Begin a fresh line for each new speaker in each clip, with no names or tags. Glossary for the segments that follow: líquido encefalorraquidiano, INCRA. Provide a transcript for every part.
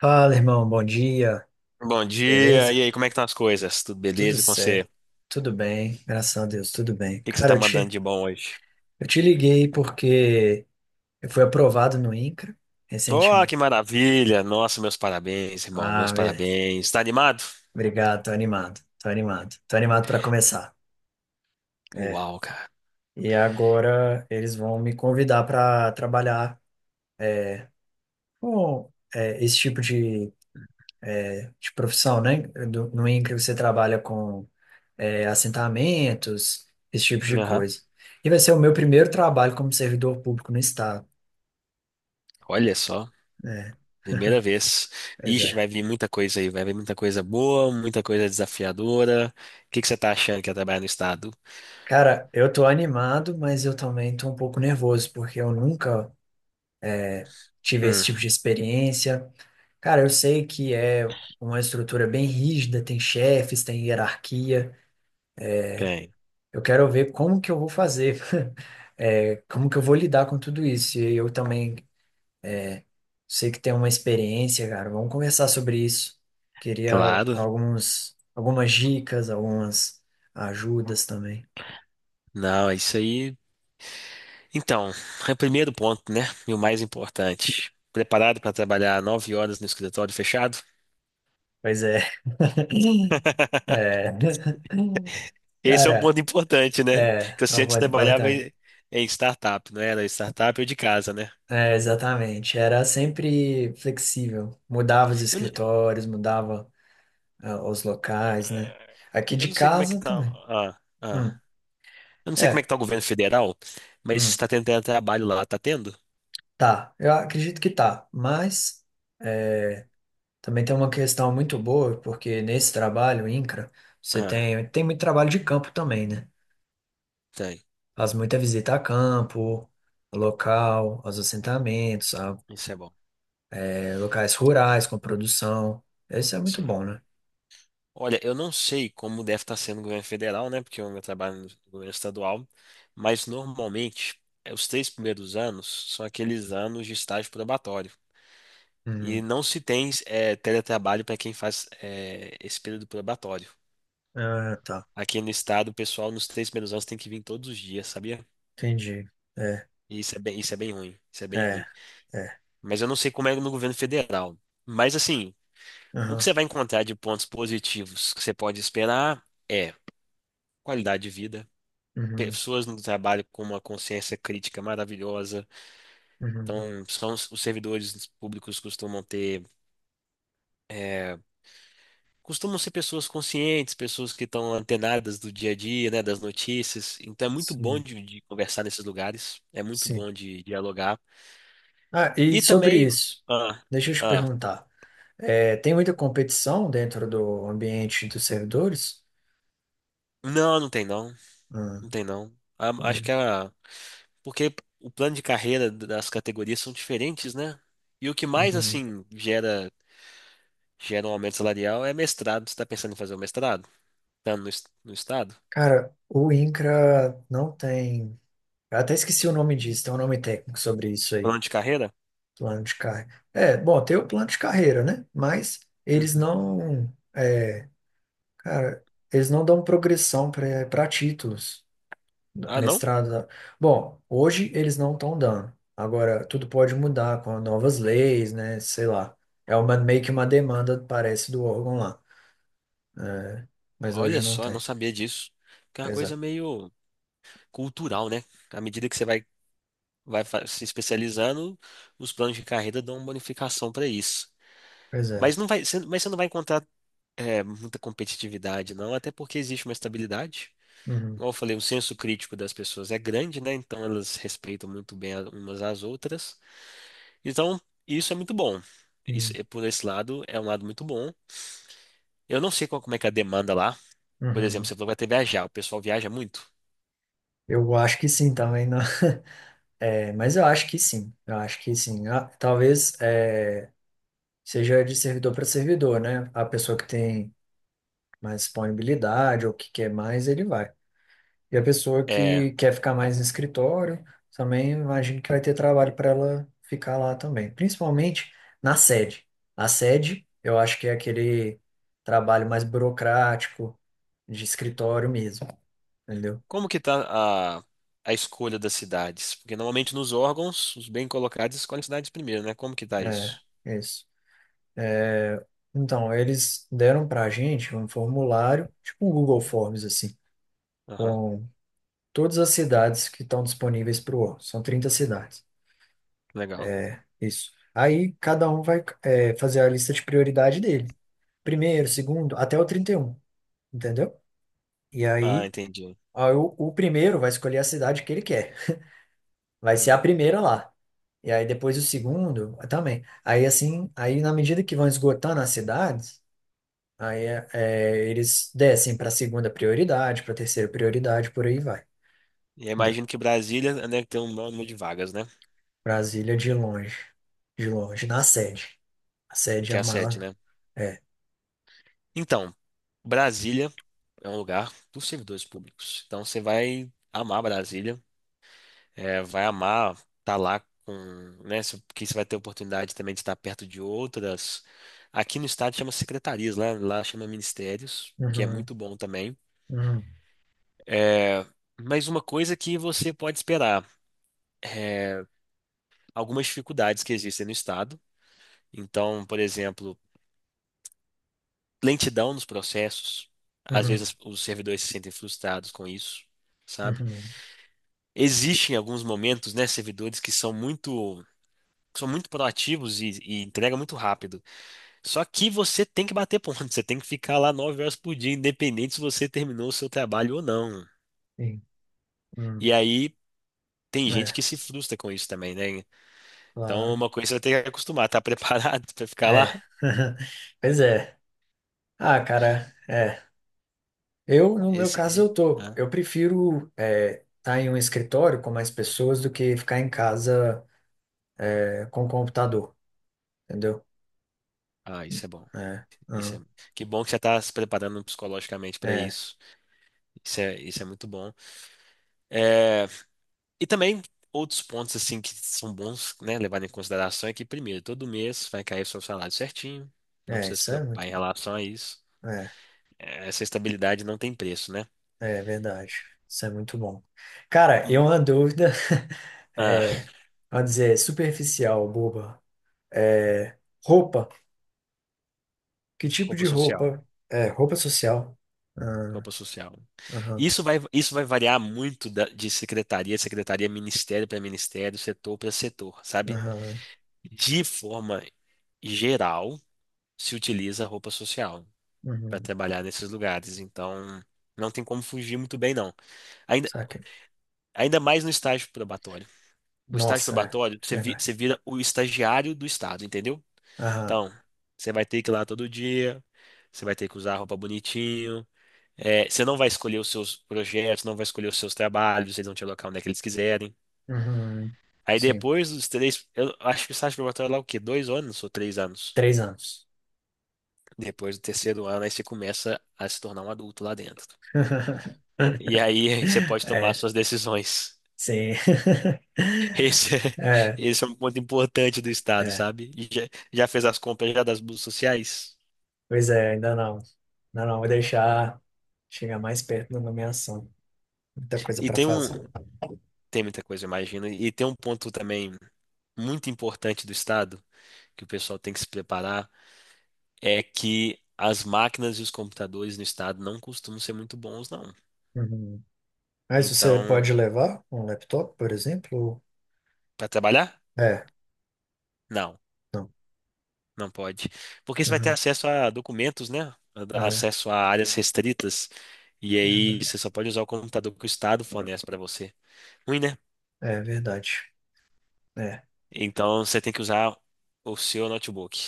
Fala, irmão, bom dia,
Bom dia,
beleza?
e aí, como é que estão as coisas? Tudo
Tudo
beleza e com você? O
certo, tudo bem, graças a Deus, tudo bem.
que que você
Cara,
tá
eu
mandando
te,
de bom hoje?
eu te liguei porque eu fui aprovado no INCRA
Oh,
recentemente.
que maravilha! Nossa, meus parabéns, irmão, meus
Ah, beleza.
parabéns. Tá animado?
Obrigado, tô animado, tô animado, tô animado para começar. É.
Uau, cara.
E agora eles vão me convidar para trabalhar com é, esse tipo de profissão, né? No INCRA você trabalha com é, assentamentos, esse tipo de
Aham.
coisa. E vai ser o meu primeiro trabalho como servidor público no estado.
Olha só, primeira vez.
Pois
Ixi,
é.
vai vir muita coisa aí, vai vir muita coisa boa, muita coisa desafiadora. O que que você tá achando que é trabalhar no estado?
Cara, eu tô animado, mas eu também tô um pouco nervoso, porque eu nunca tive esse
Hum,
tipo de experiência. Cara, eu sei que é uma estrutura bem rígida, tem chefes, tem hierarquia.
Tem.
Eu quero ver como que eu vou fazer, é, como que eu vou lidar com tudo isso. E eu também sei que tem uma experiência, cara. Vamos conversar sobre isso. Queria
Claro.
algumas dicas, algumas ajudas também.
Não, é isso aí. Então, é o primeiro ponto, né? E o mais importante. Preparado para trabalhar 9 horas no escritório fechado?
Pois é. É.
Esse é um
Cara,
ponto importante, né?
é,
Que
é
você
um
antes
ponto
trabalhava
importante.
em startup, não era? Startup ou de casa, né?
É, exatamente. Era sempre flexível. Mudava os
Eu, n-
escritórios, mudava, os locais, né? Aqui
eu
de
não sei como é que
casa
tá.
também.
Ah, ah.
Hum,
Eu não sei como é que
é.
tá o governo federal, mas
Hum,
está tendo trabalho lá, tá tendo?
tá. Eu acredito que tá. Mas, é, também tem uma questão muito boa, porque nesse trabalho, INCRA, você
Ah,
tem muito trabalho de campo também, né?
tem.
Faz muita visita a campo, local, aos assentamentos, a,
Isso é bom.
é, locais rurais com produção. Isso é muito
Sim.
bom, né?
Olha, eu não sei como deve estar sendo o governo federal, né? Porque eu meu trabalho no governo estadual, mas normalmente os 3 primeiros anos são aqueles anos de estágio probatório. E
Uhum.
não se tem teletrabalho para quem faz esse período probatório.
Ah, tá.
Aqui no estado, o pessoal nos 3 primeiros anos tem que vir todos os dias, sabia?
Entendi. É,
E isso é bem ruim. Isso é bem
é,
ruim.
é.
Mas eu não sei como é no governo federal. Mas assim, o que
Aham.
você vai encontrar de pontos positivos que você pode esperar é qualidade de vida,
Uhum.
pessoas no trabalho com uma consciência crítica maravilhosa.
Uhum.
Então, são os servidores públicos costumam eh, ser pessoas conscientes, pessoas que estão antenadas do dia a dia, né, das notícias. Então é muito bom
Sim,
de conversar nesses lugares, é muito
sim.
bom de dialogar.
Ah, e
E
sobre
também,
isso,
ah,
deixa eu te
ah,
perguntar. É, tem muita competição dentro do ambiente dos servidores?
não, não tem não,
Ah,
não tem não. A- Acho
entendi.
que a, porque o plano de carreira das categorias são diferentes, né? E o que mais
Uhum.
assim gera um aumento salarial é mestrado. Você está pensando em fazer o mestrado? Tá no estado?
Cara, o INCRA não tem. Eu até esqueci o nome disso, tem um nome técnico sobre isso aí,
Plano de carreira?
plano de carreira. É, bom, tem o plano de carreira, né? Mas eles
Uhum.
não. É, cara, eles não dão progressão para títulos,
Ah, não?
mestrado. Bom, hoje eles não estão dando. Agora, tudo pode mudar com novas leis, né? Sei lá. É meio que uma demanda, parece, do órgão lá. Mas hoje
Olha
não
só, não
tem.
sabia disso. Que é uma
Pois é.
coisa meio cultural, né? À medida que você vai se especializando, os planos de carreira dão uma bonificação para isso.
Pois
Mas
é.
não vai, você, mas você não vai encontrar muita competitividade, não, até porque existe uma estabilidade.
Uhum.
Como eu falei, o senso crítico das pessoas é grande, né? Então elas respeitam muito bem umas às outras. Então, isso é muito bom.
Uhum.
Por esse lado, é um lado muito bom. Eu não sei como é que é a demanda lá. Por exemplo,
Uhum.
você falou que vai ter viajar. O pessoal viaja muito.
Eu acho que sim também, não. É, mas eu acho que sim. Eu acho que sim. Ah, talvez é, seja de servidor para servidor, né? A pessoa que tem mais disponibilidade ou que quer mais, ele vai. E a pessoa
É,
que quer ficar mais no escritório, também imagino que vai ter trabalho para ela ficar lá também. Principalmente na sede. A sede, eu acho que é aquele trabalho mais burocrático de escritório mesmo, entendeu?
como que tá a escolha das cidades? Porque normalmente nos órgãos, os bem colocados escolhem cidades primeiro, né? Como que tá
É,
isso?
isso. Então, eles deram para a gente um formulário, tipo um Google Forms, assim,
Aham,
com todas as cidades que estão disponíveis para o órgão. São 30 cidades,
legal.
isso. Aí, cada um vai, é, fazer a lista de prioridade dele. Primeiro, segundo, até o 31, entendeu? E
Ah,
aí,
entendi.
aí o primeiro vai escolher a cidade que ele quer. Vai ser a
Hum.
primeira lá. E aí, depois o segundo também. Aí, assim, aí na medida que vão esgotando as cidades, aí é, é, eles descem para segunda prioridade, para terceira prioridade, por aí vai.
E eu
Entendeu?
imagino que Brasília, né, tem um número de vagas, né?
Brasília de longe, na sede. A
E
sede é
que é
a
a
maior,
sede,
né?
né?
É.
Então, Brasília é um lugar dos servidores públicos. Então, você vai amar Brasília, vai amar estar lá com, né? Porque você vai ter oportunidade também de estar perto de outras. Aqui no estado chama secretarias, lá chama ministérios, que é
Uhum,
muito bom também.
uhum,
É, mas uma coisa que você pode esperar, algumas dificuldades que existem no Estado. Então, por exemplo, lentidão nos processos. Às
uhum,
vezes os servidores se sentem frustrados com isso, sabe?
uhum,
Existem alguns momentos, né, servidores que são muito proativos e entregam muito rápido. Só que você tem que bater ponto, você tem que ficar lá 9 horas por dia, independente se você terminou o seu trabalho ou não.
sim, uhum.
E aí tem gente
É,
que se frustra com isso também, né? Então,
claro.
uma coisa você vai ter que acostumar, tá preparado para ficar
É.
lá?
Pois é. Ah, cara, é. Eu, no meu
Esse,
caso, eu tô.
ah,
Eu prefiro é, estar em um escritório com mais pessoas do que ficar em casa é, com o computador, entendeu?
isso é bom.
É,
Isso é,
uhum,
que bom que você está se preparando psicologicamente para
é.
isso. Isso é muito bom. É, e também outros pontos assim que são bons, né, levar em consideração é que primeiro, todo mês vai cair o seu salário certinho, não
É,
precisa se
isso é
preocupar
muito.
em relação a isso.
É,
É, essa estabilidade não tem preço, né?
é verdade. Isso é muito bom. Cara, e
Hum,
uma dúvida,
Ah,
é, vamos dizer, superficial, boba. É, roupa. Que tipo
Roupa
de
social.
roupa? É, roupa social. Ah,
Roupa social.
aham,
Isso vai variar muito de secretaria, a secretaria, ministério para ministério, setor para setor, sabe?
aham,
De forma geral, se utiliza roupa social para
uhum.
trabalhar nesses lugares. Então, não tem como fugir muito bem, não. Ainda,
Saca.
ainda mais no estágio probatório. No estágio
Nossa, é
probatório, você, vi-
verdade.
você vira o estagiário do Estado, entendeu?
Aham,
Então, você vai ter que ir lá todo dia, você vai ter que usar a roupa bonitinho. É, você não vai escolher os seus projetos, não vai escolher os seus trabalhos, eles vão te alocar onde é que eles quiserem.
uhum.
Aí
Sim.
depois dos três, eu acho que o estágio probatório é lá o quê? 2 anos ou 3 anos?
3 anos.
Depois do terceiro ano, aí você começa a se tornar um adulto lá dentro. E aí você pode tomar
É,
suas decisões.
sim.
Esse é,
É,
esse é um ponto importante do Estado,
é.
sabe? E Já fez as compras já das bolsas sociais?
Pois é, ainda não. Ainda não, vou deixar chegar mais perto da nomeação. Muita coisa
E
para
tem um,
fazer.
tem muita coisa, imagina. E tem um ponto também muito importante do Estado, que o pessoal tem que se preparar é que as máquinas e os computadores no estado não costumam ser muito bons, não.
Uhum. Mas você pode
Então,
levar um laptop, por exemplo?
para trabalhar?
É,
Não,
não.
não pode. Porque você vai ter
Uhum.
acesso a documentos, né?
É,
Acesso a áreas restritas. E aí você
verdade.
só pode usar o computador que o estado fornece para você. Ruim, né?
É verdade. É.
Então você tem que usar o seu notebook.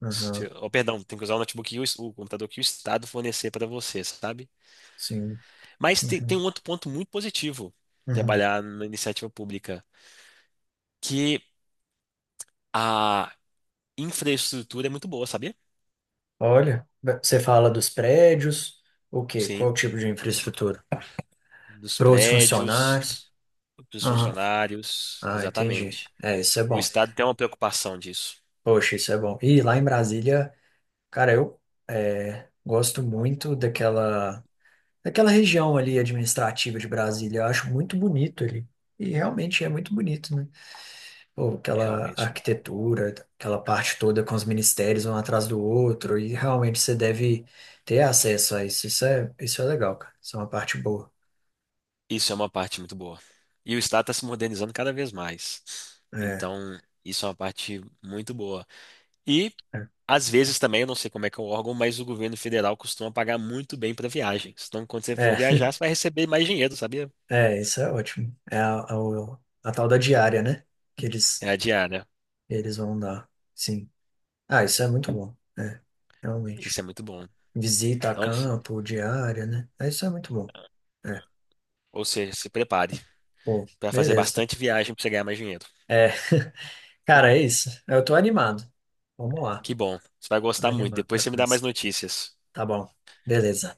Uhum.
Oh, perdão, tem que usar o notebook e o computador que o estado fornecer para você, sabe?
Sim.
Mas tem
Uhum.
um outro ponto muito positivo
Uhum.
trabalhar na iniciativa pública, que infraestrutura é muito boa, sabia?
Olha, você fala dos prédios, o quê?
Sim,
Qual tipo de infraestrutura?
dos
Para os
prédios,
funcionários?
dos
Aham.
funcionários,
Ah, entendi.
exatamente.
É, isso é
O
bom.
Estado tem uma preocupação disso,
Poxa, isso é bom. E lá em Brasília, cara, eu é, gosto muito daquela. Aquela região ali administrativa de Brasília, eu acho muito bonito ali. E realmente é muito bonito, né? Pô, aquela
realmente.
arquitetura, aquela parte toda com os ministérios um atrás do outro, e realmente você deve ter acesso a isso. Isso é legal, cara. Isso é uma parte boa.
Isso é uma parte muito boa. E o Estado está se modernizando cada vez mais.
É,
Então, isso é uma parte muito boa. E,
é,
às vezes também, eu não sei como é que é o órgão, mas o governo federal costuma pagar muito bem para viagens. Então, quando você
é,
for viajar, você vai receber mais dinheiro, sabia?
é, isso é ótimo. É a, o- a tal da diária, né? Que
É
eles,
a diária.
eles vão dar. Sim. Ah, isso é muito bom. É,
Isso
realmente.
é muito bom.
Visita a
Então,
campo, diária, né? É, isso é muito bom. É.
ou seja, se prepare.
Pô,
Pra fazer
beleza.
bastante viagem pra você ganhar mais dinheiro.
É, cara, é isso. Eu tô animado. Vamos lá.
Que bom. Você vai
Tô
gostar muito.
animado
Depois
pra
você me dá mais
começar.
notícias.
Tá bom. Beleza.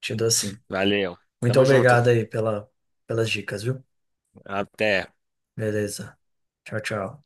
Te dou sim.
Valeu.
Muito
Tamo junto.
obrigado aí pelas dicas, viu?
Até.
Beleza. Tchau, tchau.